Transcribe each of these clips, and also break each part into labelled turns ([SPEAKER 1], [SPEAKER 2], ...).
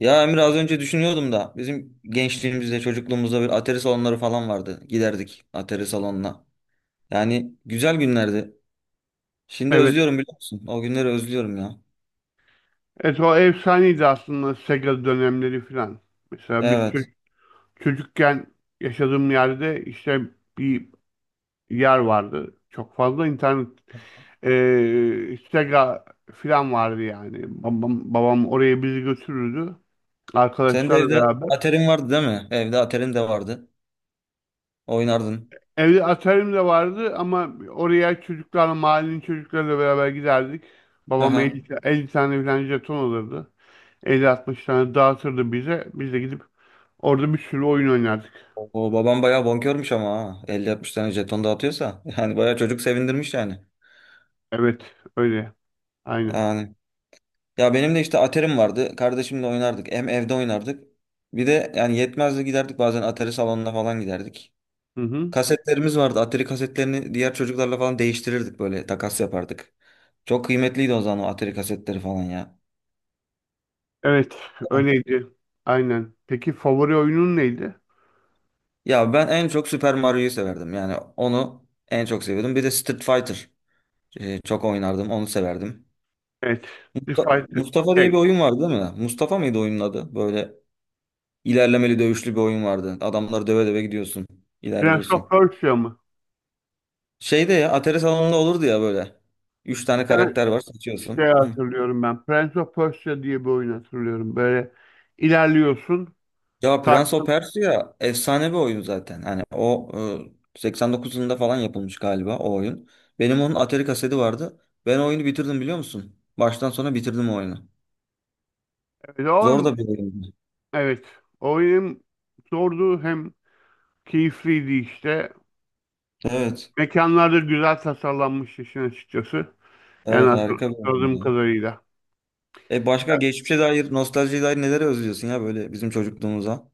[SPEAKER 1] Ya Emir az önce düşünüyordum da bizim gençliğimizde çocukluğumuzda bir atari salonları falan vardı. Giderdik atari salonuna. Yani güzel günlerdi. Şimdi
[SPEAKER 2] Evet.
[SPEAKER 1] özlüyorum biliyor musun? O günleri özlüyorum ya.
[SPEAKER 2] Evet, o efsaneydi aslında Sega dönemleri falan. Mesela biz
[SPEAKER 1] Evet.
[SPEAKER 2] çocukken yaşadığım yerde işte bir yer vardı. Çok fazla internet, Sega falan vardı yani. Babam oraya bizi götürürdü,
[SPEAKER 1] Sen de
[SPEAKER 2] arkadaşlarla
[SPEAKER 1] evde
[SPEAKER 2] beraber.
[SPEAKER 1] aterin vardı değil mi? Evde aterin de vardı. Oynardın.
[SPEAKER 2] Evde Atari'm de vardı ama oraya çocuklarla, mahallenin çocuklarıyla beraber giderdik. Babam
[SPEAKER 1] Aha.
[SPEAKER 2] 50, 50 tane falan jeton alırdı. 50-60 tane dağıtırdı bize. Biz de gidip orada bir sürü oyun oynardık.
[SPEAKER 1] O babam bayağı bonkörmüş ama ha. 50-60 tane jeton dağıtıyorsa. Yani bayağı çocuk sevindirmiş yani.
[SPEAKER 2] Evet, öyle. Aynen.
[SPEAKER 1] Yani. Ya benim de işte aterim vardı. Kardeşimle oynardık. Hem evde oynardık. Bir de yani yetmezdi giderdik bazen atari salonuna falan giderdik.
[SPEAKER 2] Hı hı.
[SPEAKER 1] Kasetlerimiz vardı. Atari kasetlerini diğer çocuklarla falan değiştirirdik böyle takas yapardık. Çok kıymetliydi o zaman o Atari kasetleri falan ya.
[SPEAKER 2] Evet, öyleydi. Aynen. Peki favori oyunun neydi?
[SPEAKER 1] Ya ben en çok Super Mario'yu severdim. Yani onu en çok seviyordum. Bir de Street Fighter çok oynardım. Onu severdim.
[SPEAKER 2] Evet. Street
[SPEAKER 1] Musta-
[SPEAKER 2] Fighter,
[SPEAKER 1] Mustafa diye bir
[SPEAKER 2] şey,
[SPEAKER 1] oyun vardı değil mi? Mustafa mıydı oyunun adı? Böyle ilerlemeli dövüşlü bir oyun vardı. Adamları döve döve gidiyorsun.
[SPEAKER 2] Prince of
[SPEAKER 1] İlerliyorsun.
[SPEAKER 2] Persia mı?
[SPEAKER 1] Şeyde ya Atari salonunda olurdu ya böyle. Üç
[SPEAKER 2] Bir
[SPEAKER 1] tane
[SPEAKER 2] tane
[SPEAKER 1] karakter var seçiyorsun.
[SPEAKER 2] hatırlıyorum ben. Prince of Persia diye bir oyun hatırlıyorum. Böyle ilerliyorsun.
[SPEAKER 1] Ya
[SPEAKER 2] Takip.
[SPEAKER 1] Prince of Persia efsane bir oyun zaten. Hani o 89 yılında falan yapılmış galiba o oyun. Benim onun Atari kaseti vardı. Ben o oyunu bitirdim biliyor musun? Baştan sona bitirdim o oyunu.
[SPEAKER 2] Evet, o
[SPEAKER 1] Zor
[SPEAKER 2] oyun,
[SPEAKER 1] da bir oyundu.
[SPEAKER 2] evet. O oyun zordu, hem keyifliydi işte.
[SPEAKER 1] Evet.
[SPEAKER 2] Mekanlar da güzel tasarlanmıştı işin açıkçası. Yani
[SPEAKER 1] Evet harika bir oyun
[SPEAKER 2] hatırladığım
[SPEAKER 1] ya.
[SPEAKER 2] kadarıyla.
[SPEAKER 1] E başka geçmişe dair, nostaljiye dair neleri özlüyorsun ya böyle bizim çocukluğumuza?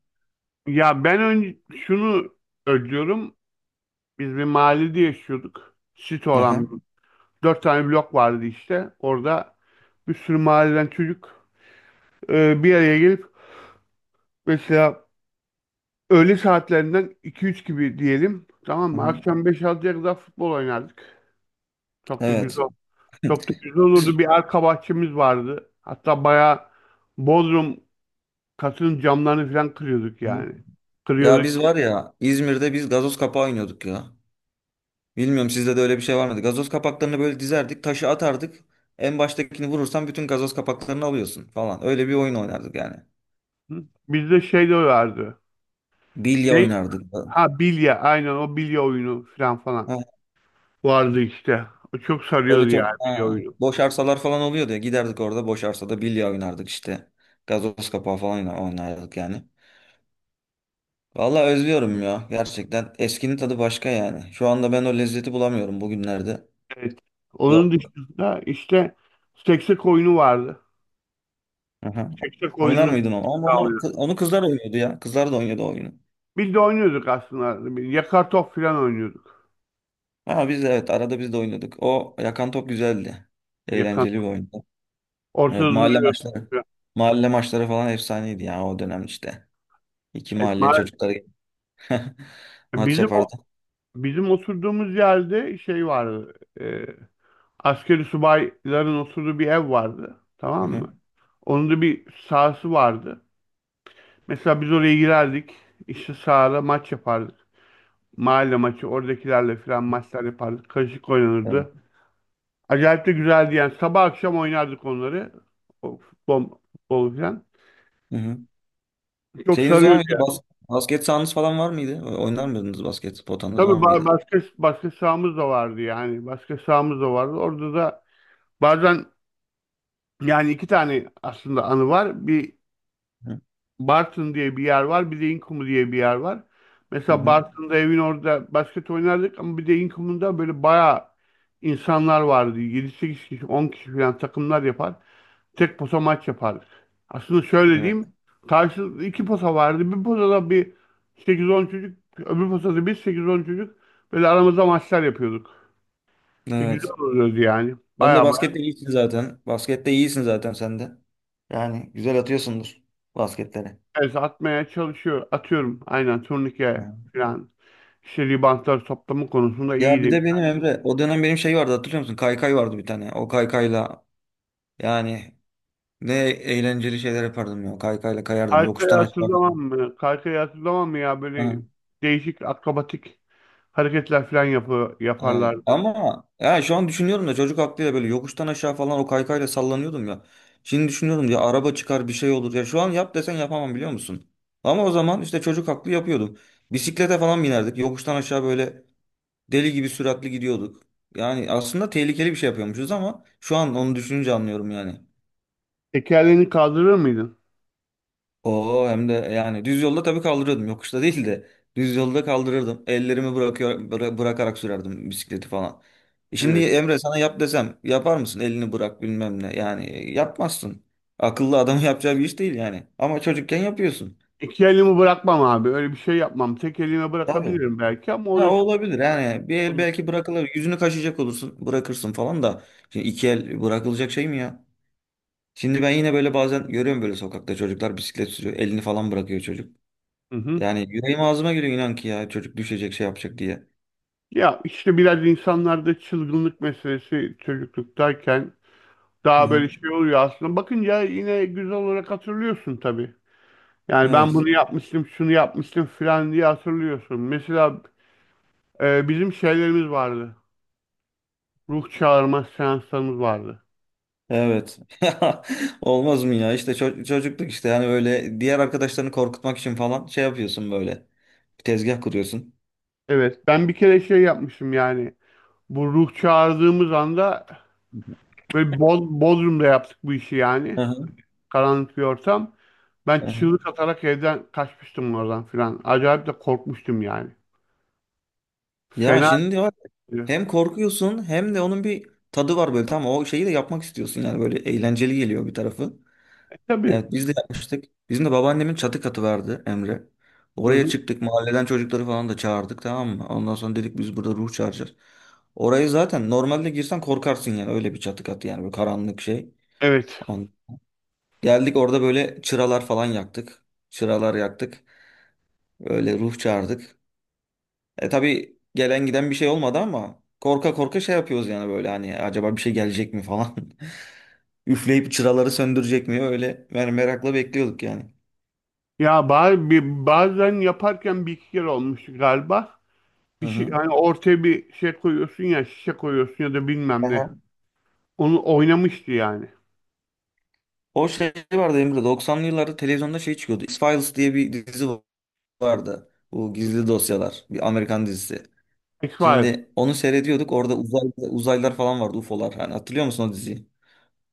[SPEAKER 2] Ya ben şunu özlüyorum. Biz bir mahallede yaşıyorduk. Site
[SPEAKER 1] Hı hı.
[SPEAKER 2] olan 4 tane blok vardı işte. Orada bir sürü mahalleden çocuk bir araya gelip, mesela öğle saatlerinden 2-3 gibi diyelim. Tamam
[SPEAKER 1] Hı
[SPEAKER 2] mı?
[SPEAKER 1] hı.
[SPEAKER 2] Akşam 5 6'ya kadar futbol oynardık. Çok da
[SPEAKER 1] Evet.
[SPEAKER 2] güzel. Çok da güzel
[SPEAKER 1] Biz,
[SPEAKER 2] olurdu. Bir arka bahçemiz vardı. Hatta bayağı Bodrum katının camlarını falan kırıyorduk
[SPEAKER 1] hı.
[SPEAKER 2] yani.
[SPEAKER 1] Ya
[SPEAKER 2] Kırıyorduk.
[SPEAKER 1] biz var ya İzmir'de biz gazoz kapağı oynuyorduk ya. Bilmiyorum sizde de öyle bir şey var mıydı? Gazoz kapaklarını böyle dizerdik, taşı atardık. En baştakini vurursan bütün gazoz kapaklarını alıyorsun falan. Öyle bir oyun oynardık yani.
[SPEAKER 2] Hı? Bizde şey de vardı.
[SPEAKER 1] Bilye
[SPEAKER 2] Ne?
[SPEAKER 1] oynardık.
[SPEAKER 2] Ha, bilye. Aynen, o bilye oyunu falan
[SPEAKER 1] Ha,
[SPEAKER 2] vardı işte. O çok
[SPEAKER 1] öyle
[SPEAKER 2] sarıyordu yani,
[SPEAKER 1] çok
[SPEAKER 2] bilye
[SPEAKER 1] ha,
[SPEAKER 2] oyunu.
[SPEAKER 1] boş arsalar falan oluyordu ya. Giderdik orada boş arsada bilye oynardık işte. Gazoz kapağı falan oynardık yani. Vallahi özlüyorum ya gerçekten. Eskinin tadı başka yani. Şu anda ben o lezzeti bulamıyorum bugünlerde.
[SPEAKER 2] Evet. Onun
[SPEAKER 1] Yok.
[SPEAKER 2] dışında işte seksek oyunu vardı.
[SPEAKER 1] Aha.
[SPEAKER 2] Seksek
[SPEAKER 1] Oynar
[SPEAKER 2] oyunu
[SPEAKER 1] mıydın onu? Ama
[SPEAKER 2] da
[SPEAKER 1] onu,
[SPEAKER 2] oynuyorduk.
[SPEAKER 1] onu kızlar oynuyordu ya. Kızlar da oynuyordu o oyunu.
[SPEAKER 2] Biz de oynuyorduk aslında. Bir yakar top falan oynuyorduk.
[SPEAKER 1] Ha biz de evet arada biz de oynadık. O yakan top güzeldi.
[SPEAKER 2] Yakar
[SPEAKER 1] Eğlenceli bir oyundu. Evet
[SPEAKER 2] ortada
[SPEAKER 1] mahalle
[SPEAKER 2] duruyor.
[SPEAKER 1] maçları. Mahalle maçları falan efsaneydi ya o dönem işte. İki
[SPEAKER 2] Evet,
[SPEAKER 1] mahallenin çocukları gelip maç
[SPEAKER 2] bizim o
[SPEAKER 1] yapardı.
[SPEAKER 2] bizim oturduğumuz yerde şey vardı. E, Askeri subayların oturduğu bir ev vardı.
[SPEAKER 1] Hı
[SPEAKER 2] Tamam
[SPEAKER 1] hı.
[SPEAKER 2] mı? Onun da bir sahası vardı. Mesela biz oraya girerdik. İşte sahada maç yapardık. Mahalle maçı, oradakilerle falan maçlar yapardık. Karışık
[SPEAKER 1] Evet.
[SPEAKER 2] oynanırdı. Acayip de güzeldi yani. Sabah akşam oynardık onları. O futbol falan.
[SPEAKER 1] Hı hı.
[SPEAKER 2] Çok
[SPEAKER 1] Şeyiniz var
[SPEAKER 2] sarıyordu
[SPEAKER 1] mıydı?
[SPEAKER 2] yani.
[SPEAKER 1] Basket sahanız falan var mıydı? O- Oynar mıydınız basket? Potanız
[SPEAKER 2] Tabii
[SPEAKER 1] var
[SPEAKER 2] ba-
[SPEAKER 1] mıydı?
[SPEAKER 2] başka, başka sahamız da vardı yani. Başka sahamız da vardı. Orada da bazen, yani iki tane aslında anı var. Bir
[SPEAKER 1] Hı
[SPEAKER 2] Bartın diye bir yer var. Bir de İnkumu diye bir yer var.
[SPEAKER 1] hı.
[SPEAKER 2] Mesela
[SPEAKER 1] Hı.
[SPEAKER 2] Bartın'da evin orada basket oynardık, ama bir de İnkumu'da böyle bayağı insanlar vardı. 7-8 kişi, 10 kişi falan takımlar yapar. Tek posa maç yapardık. Aslında şöyle
[SPEAKER 1] Evet.
[SPEAKER 2] diyeyim. Karşılıklı iki posa vardı. Bir posada bir 8-10 çocuk, öbür posada bir 8-10 çocuk. Böyle aramızda maçlar yapıyorduk. Ve güzel
[SPEAKER 1] Evet.
[SPEAKER 2] oluyordu yani.
[SPEAKER 1] Sen de
[SPEAKER 2] Bayağı.
[SPEAKER 1] baskette iyisin zaten. Baskette iyisin zaten sen de. Yani güzel atıyorsundur basketleri.
[SPEAKER 2] Evet, atmaya çalışıyor. Atıyorum, aynen, turnike falan. İşte ribantlar toplama konusunda
[SPEAKER 1] Ya bir
[SPEAKER 2] iyiydi.
[SPEAKER 1] de benim Emre o dönem benim şey vardı hatırlıyor musun? Kaykay vardı bir tane. O kaykayla yani ne eğlenceli şeyler yapardım ya. Kaykayla kayardım.
[SPEAKER 2] Kaykayı
[SPEAKER 1] Yokuştan aşağı
[SPEAKER 2] hatırlamam
[SPEAKER 1] falan.
[SPEAKER 2] mı? Kaykayı hatırlamam mı ya? Böyle
[SPEAKER 1] Ha,
[SPEAKER 2] değişik akrobatik hareketler falan
[SPEAKER 1] evet.
[SPEAKER 2] yaparlardı.
[SPEAKER 1] Ama ya şu an düşünüyorum da çocuk aklıyla böyle yokuştan aşağı falan o kaykayla sallanıyordum ya. Şimdi düşünüyorum ya araba çıkar bir şey olur. Ya şu an yap desen yapamam biliyor musun? Ama o zaman işte çocuk aklı yapıyordum. Bisiklete falan binerdik. Yokuştan aşağı böyle deli gibi süratli gidiyorduk. Yani aslında tehlikeli bir şey yapıyormuşuz ama şu an onu düşününce anlıyorum yani.
[SPEAKER 2] Tekerleğini kaldırır mıydın?
[SPEAKER 1] Oo hem de yani düz yolda tabii kaldırıyordum. Yokuşta değil de düz yolda kaldırırdım. Ellerimi bırakıyor bırakarak sürerdim bisikleti falan. E Şimdi
[SPEAKER 2] Evet.
[SPEAKER 1] Emre sana yap desem yapar mısın? Elini bırak bilmem ne. Yani yapmazsın. Akıllı adamın yapacağı bir iş değil yani. Ama çocukken yapıyorsun.
[SPEAKER 2] İki elimi bırakmam abi. Öyle bir şey yapmam. Tek elime
[SPEAKER 1] Tabii.
[SPEAKER 2] bırakabilirim belki, ama o
[SPEAKER 1] Ha, o
[SPEAKER 2] da çok
[SPEAKER 1] olabilir yani. Bir el
[SPEAKER 2] olmaz.
[SPEAKER 1] belki bırakılır. Yüzünü kaşıyacak olursun. Bırakırsın falan da. Şimdi iki el bırakılacak şey mi ya? Şimdi ben yine böyle bazen görüyorum böyle sokakta çocuklar bisiklet sürüyor. Elini falan bırakıyor çocuk.
[SPEAKER 2] Hı hı.
[SPEAKER 1] Yani yüreğim ağzıma geliyor inan ki ya çocuk düşecek şey yapacak diye.
[SPEAKER 2] Ya işte biraz insanlarda çılgınlık meselesi çocukluktayken
[SPEAKER 1] Hı
[SPEAKER 2] daha
[SPEAKER 1] hı.
[SPEAKER 2] böyle şey oluyor aslında. Bakınca yine güzel olarak hatırlıyorsun tabii. Yani ben
[SPEAKER 1] Evet.
[SPEAKER 2] bunu yapmıştım, şunu yapmıştım filan diye hatırlıyorsun. Mesela bizim şeylerimiz vardı. Ruh çağırma seanslarımız vardı.
[SPEAKER 1] Evet. Olmaz mı ya? İşte çocukluk işte yani öyle diğer arkadaşlarını korkutmak için falan şey yapıyorsun böyle. Bir tezgah kuruyorsun.
[SPEAKER 2] Evet, ben bir kere şey yapmıştım yani. Bu ruh çağırdığımız anda
[SPEAKER 1] Hı
[SPEAKER 2] böyle Bodrum'da yaptık bu işi yani.
[SPEAKER 1] hı.
[SPEAKER 2] Karanlık bir ortam. Ben
[SPEAKER 1] Hı hı.
[SPEAKER 2] çığlık atarak evden kaçmıştım oradan filan. Acayip de korkmuştum yani.
[SPEAKER 1] Ya
[SPEAKER 2] Fena.
[SPEAKER 1] şimdi var ya,
[SPEAKER 2] E,
[SPEAKER 1] hem korkuyorsun hem de onun bir tadı var böyle tamam o şeyi de yapmak istiyorsun yani böyle eğlenceli geliyor bir tarafı.
[SPEAKER 2] tabii.
[SPEAKER 1] Evet biz de yapmıştık. Bizim de babaannemin çatı katı vardı Emre.
[SPEAKER 2] Hı
[SPEAKER 1] Oraya
[SPEAKER 2] hı.
[SPEAKER 1] çıktık mahalleden çocukları falan da çağırdık tamam mı? Ondan sonra dedik biz burada ruh çağıracağız. Orayı zaten normalde girsen korkarsın yani öyle bir çatı katı yani böyle karanlık şey.
[SPEAKER 2] Evet.
[SPEAKER 1] On. Geldik orada böyle çıralar falan yaktık. Çıralar yaktık. Öyle ruh çağırdık. E tabii gelen giden bir şey olmadı ama korka korka şey yapıyoruz yani böyle hani acaba bir şey gelecek mi falan. Üfleyip çıraları söndürecek mi öyle yani merakla bekliyorduk yani.
[SPEAKER 2] Ya bazen yaparken bir iki kere olmuştu galiba.
[SPEAKER 1] Hı
[SPEAKER 2] Bir şey,
[SPEAKER 1] hı.
[SPEAKER 2] hani ortaya bir şey koyuyorsun ya, şişe koyuyorsun ya da bilmem ne. Onu oynamıştı yani.
[SPEAKER 1] O şey vardı Emre 90'lı yıllarda televizyonda şey çıkıyordu. X-Files diye bir dizi vardı. Bu gizli dosyalar. Bir Amerikan dizisi.
[SPEAKER 2] X-Files.
[SPEAKER 1] Şimdi onu seyrediyorduk. Orada uzaylılar falan vardı. UFO'lar. Hani hatırlıyor musun o diziyi?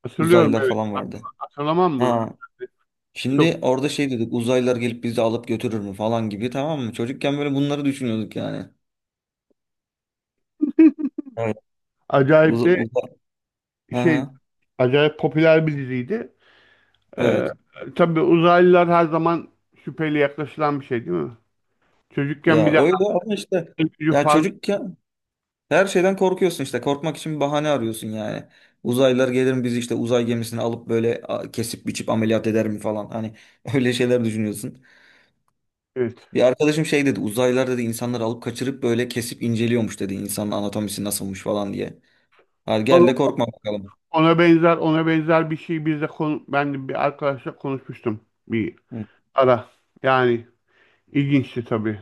[SPEAKER 2] Hatırlıyorum,
[SPEAKER 1] Uzaylılar
[SPEAKER 2] evet.
[SPEAKER 1] falan vardı.
[SPEAKER 2] Hatırlamam mı?
[SPEAKER 1] Ha.
[SPEAKER 2] Yani çok
[SPEAKER 1] Şimdi orada şey dedik. Uzaylılar gelip bizi alıp götürür mü falan gibi tamam mı? Çocukken böyle bunları düşünüyorduk yani. Evet.
[SPEAKER 2] acayip
[SPEAKER 1] Uza,
[SPEAKER 2] de
[SPEAKER 1] uza- Hı
[SPEAKER 2] şey
[SPEAKER 1] hı.
[SPEAKER 2] acayip popüler bir diziydi. Ee,
[SPEAKER 1] Evet.
[SPEAKER 2] tabii, uzaylılar her zaman şüpheyle yaklaşılan bir şey, değil mi? Çocukken
[SPEAKER 1] Ya
[SPEAKER 2] bir de
[SPEAKER 1] öyle ama işte
[SPEAKER 2] hayal gücü
[SPEAKER 1] ya
[SPEAKER 2] fazla.
[SPEAKER 1] çocuk her şeyden korkuyorsun işte. Korkmak için bir bahane arıyorsun yani. Uzaylılar gelir mi bizi işte uzay gemisine alıp böyle kesip biçip ameliyat eder mi falan. Hani öyle şeyler düşünüyorsun.
[SPEAKER 2] Evet.
[SPEAKER 1] Bir arkadaşım şey dedi. Uzaylılar dedi insanları alıp kaçırıp böyle kesip inceliyormuş dedi. İnsanın anatomisi nasılmış falan diye. Hadi gel de
[SPEAKER 2] Vallahi,
[SPEAKER 1] korkma bakalım.
[SPEAKER 2] ona benzer, bir şey biz de ben de bir arkadaşla konuşmuştum. Bir
[SPEAKER 1] Hı.
[SPEAKER 2] ara. Yani ilginçti tabii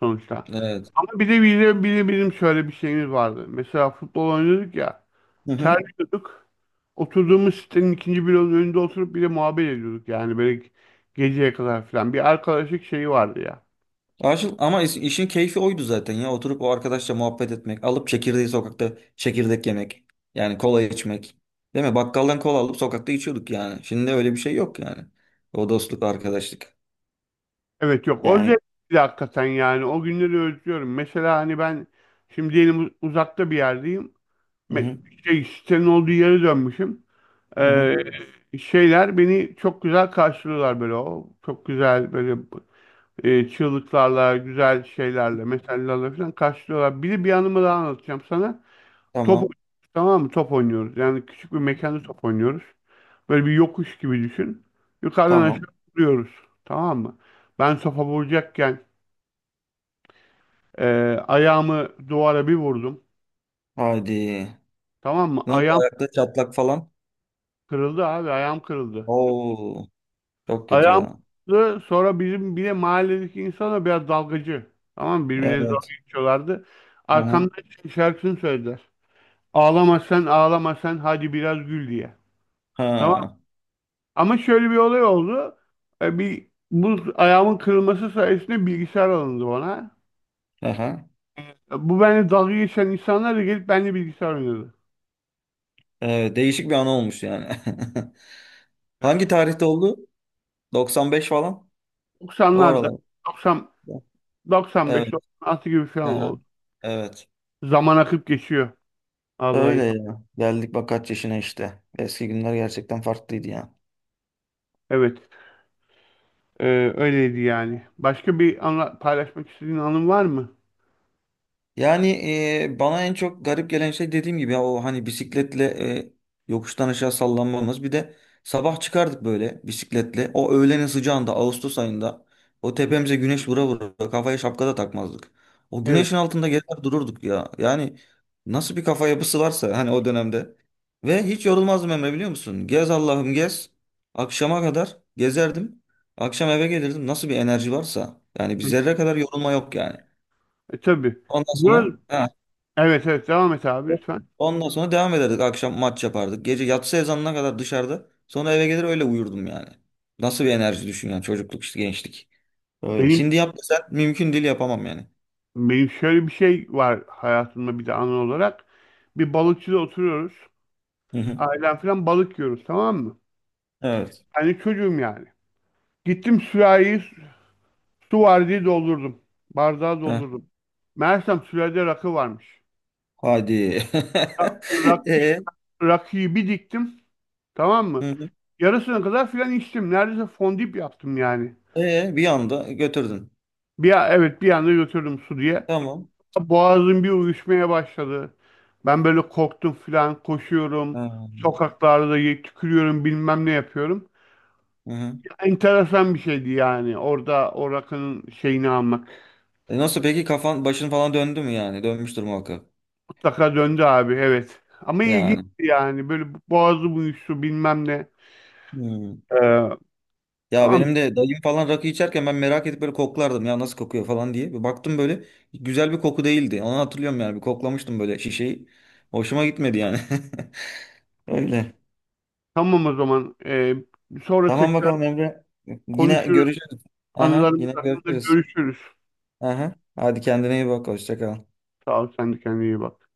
[SPEAKER 2] sonuçta.
[SPEAKER 1] Evet.
[SPEAKER 2] Ama bir de bizim şöyle bir şeyimiz vardı. Mesela futbol oynuyorduk ya.
[SPEAKER 1] Hı hı.
[SPEAKER 2] Terliyorduk. Oturduğumuz sitenin ikinci bloğunun önünde oturup bir de muhabbet ediyorduk. Yani böyle geceye kadar falan. Bir arkadaşlık şeyi vardı ya.
[SPEAKER 1] Aşıl ama işin keyfi oydu zaten ya. Oturup o arkadaşla muhabbet etmek, alıp çekirdeği sokakta çekirdek yemek. Yani kola içmek. Değil mi? Bakkaldan kola alıp sokakta içiyorduk yani. Şimdi öyle bir şey yok yani. O dostluk, arkadaşlık.
[SPEAKER 2] Evet, yok, o
[SPEAKER 1] Yani
[SPEAKER 2] zevkli hakikaten yani. O günleri özlüyorum. Mesela hani ben şimdi diyelim uzakta bir yerdeyim.
[SPEAKER 1] hı
[SPEAKER 2] Me-
[SPEAKER 1] hı,
[SPEAKER 2] Sitenin olduğu yere dönmüşüm.
[SPEAKER 1] hı hı.
[SPEAKER 2] Ee, Şeyler beni çok güzel karşılıyorlar, böyle o çok güzel, böyle çığlıklarla, güzel şeylerle, mesajlarla falan karşılıyorlar. Bir de bir anımı daha anlatacağım sana. Top
[SPEAKER 1] Tamam.
[SPEAKER 2] oynuyoruz, tamam mı? Top oynuyoruz. Yani küçük bir mekanda top oynuyoruz. Böyle bir yokuş gibi düşün. Yukarıdan aşağı
[SPEAKER 1] Tamam.
[SPEAKER 2] vuruyoruz. Tamam mı? Ben topa vuracakken e, ayağımı duvara bir vurdum.
[SPEAKER 1] Hadi.
[SPEAKER 2] Tamam mı?
[SPEAKER 1] Ne oldu
[SPEAKER 2] Ayağım
[SPEAKER 1] ayakta çatlak falan?
[SPEAKER 2] kırıldı abi. Ayağım kırıldı.
[SPEAKER 1] Oo, çok kötü ya.
[SPEAKER 2] Ayağımızı sonra, bizim bir de mahalledeki insanlar biraz dalgacı. Tamam mı? Birbirine dalga
[SPEAKER 1] Evet.
[SPEAKER 2] geçiyorlardı.
[SPEAKER 1] Hı hı.
[SPEAKER 2] Arkamdan şey şarkısını söylediler. "Ağlama sen, ağlama sen, hadi biraz gül" diye. Tamam.
[SPEAKER 1] Ha.
[SPEAKER 2] Ama şöyle bir olay oldu. E, bir Bu ayağımın kırılması sayesinde bilgisayar alındı bana.
[SPEAKER 1] Aha.
[SPEAKER 2] Bu benimle dalga geçen insanlar da gelip benimle bilgisayar oynadı.
[SPEAKER 1] Evet, değişik bir an olmuş yani.
[SPEAKER 2] Biraz
[SPEAKER 1] Hangi
[SPEAKER 2] komik.
[SPEAKER 1] tarihte oldu? 95 falan. O
[SPEAKER 2] 90'larda,
[SPEAKER 1] aralar.
[SPEAKER 2] 90, 95,
[SPEAKER 1] Evet.
[SPEAKER 2] 96 gibi falan
[SPEAKER 1] Aha.
[SPEAKER 2] oldu.
[SPEAKER 1] Evet.
[SPEAKER 2] Zaman akıp geçiyor. Vallahi.
[SPEAKER 1] Öyle ya. Geldik bak kaç yaşına işte. Eski günler gerçekten farklıydı ya.
[SPEAKER 2] Evet. Öyleydi yani. Başka bir anla paylaşmak istediğin anın var mı?
[SPEAKER 1] Yani bana en çok garip gelen şey dediğim gibi ya o hani bisikletle e, yokuştan aşağı sallanmamız. Bir de sabah çıkardık böyle bisikletle. O öğlenin sıcağında Ağustos ayında o
[SPEAKER 2] Hı,
[SPEAKER 1] tepemize güneş vura vura kafaya şapka da takmazdık. O
[SPEAKER 2] evet.
[SPEAKER 1] güneşin altında gezer dururduk ya. Yani nasıl bir kafa yapısı varsa hani o dönemde. Ve hiç yorulmazdım Emre biliyor musun? Gez Allah'ım gez. Akşama kadar gezerdim. Akşam eve gelirdim. Nasıl bir enerji varsa. Yani bir
[SPEAKER 2] Hı.
[SPEAKER 1] zerre kadar yorulma yok yani.
[SPEAKER 2] Tabii.
[SPEAKER 1] Ondan
[SPEAKER 2] Bu,
[SPEAKER 1] sonra ha,
[SPEAKER 2] evet, evet, devam et abi lütfen.
[SPEAKER 1] ondan sonra devam ederdik. Akşam maç yapardık. Gece yatsı ezanına kadar dışarıda. Sonra eve gelir öyle uyurdum yani. Nasıl bir enerji düşün yani çocukluk işte gençlik. Öyle.
[SPEAKER 2] Benim,
[SPEAKER 1] Şimdi yap desen mümkün değil yapamam yani.
[SPEAKER 2] şöyle bir şey var hayatımda bir de anı olarak. Bir balıkçıda oturuyoruz.
[SPEAKER 1] Hı hı.
[SPEAKER 2] Ailem falan balık yiyoruz, tamam mı?
[SPEAKER 1] Evet.
[SPEAKER 2] Hani çocuğum yani. Gittim sürahiyi, su var diye doldurdum. Bardağı
[SPEAKER 1] Heh.
[SPEAKER 2] doldurdum. Meğersem sürahide rakı varmış.
[SPEAKER 1] Hadi.
[SPEAKER 2] Rakı
[SPEAKER 1] E,
[SPEAKER 2] Rakibi diktim. Tamam
[SPEAKER 1] hı
[SPEAKER 2] mı?
[SPEAKER 1] hı.
[SPEAKER 2] Yarısına kadar filan içtim. Neredeyse fondip yaptım yani.
[SPEAKER 1] E, bir anda götürdün.
[SPEAKER 2] Evet, bir anda götürdüm, su diye.
[SPEAKER 1] Tamam.
[SPEAKER 2] Boğazım bir uyuşmaya başladı. Ben böyle korktum filan,
[SPEAKER 1] Ha,
[SPEAKER 2] koşuyorum. Sokaklarda tükürüyorum, bilmem ne yapıyorum.
[SPEAKER 1] hı hı.
[SPEAKER 2] Enteresan bir şeydi yani. Orada o rakının şeyini almak.
[SPEAKER 1] E nasıl peki kafan başın falan döndü mü yani? Dönmüştür muhakkak.
[SPEAKER 2] Mutlaka döndü abi, evet. Ama ilginçti
[SPEAKER 1] Yani.
[SPEAKER 2] yani. Böyle boğazım uyuştu, bilmem ne.
[SPEAKER 1] Hı.
[SPEAKER 2] Ee,
[SPEAKER 1] Ya
[SPEAKER 2] tamam.
[SPEAKER 1] benim de dayım falan rakı içerken ben merak edip böyle koklardım ya nasıl kokuyor falan diye. Bir baktım böyle güzel bir koku değildi. Onu hatırlıyorum yani bir koklamıştım böyle şişeyi. Hoşuma gitmedi yani. Öyle.
[SPEAKER 2] Tamam o zaman. Sonra
[SPEAKER 1] Tamam
[SPEAKER 2] tekrar
[SPEAKER 1] bakalım Emre. Yine
[SPEAKER 2] konuşuruz.
[SPEAKER 1] görüşürüz. Aha,
[SPEAKER 2] Anılarımız
[SPEAKER 1] yine
[SPEAKER 2] hakkında
[SPEAKER 1] görüşürüz.
[SPEAKER 2] görüşürüz.
[SPEAKER 1] Aha. Hadi kendine iyi bak. Hoşça kal.
[SPEAKER 2] Sağ ol, sen de kendine iyi bak.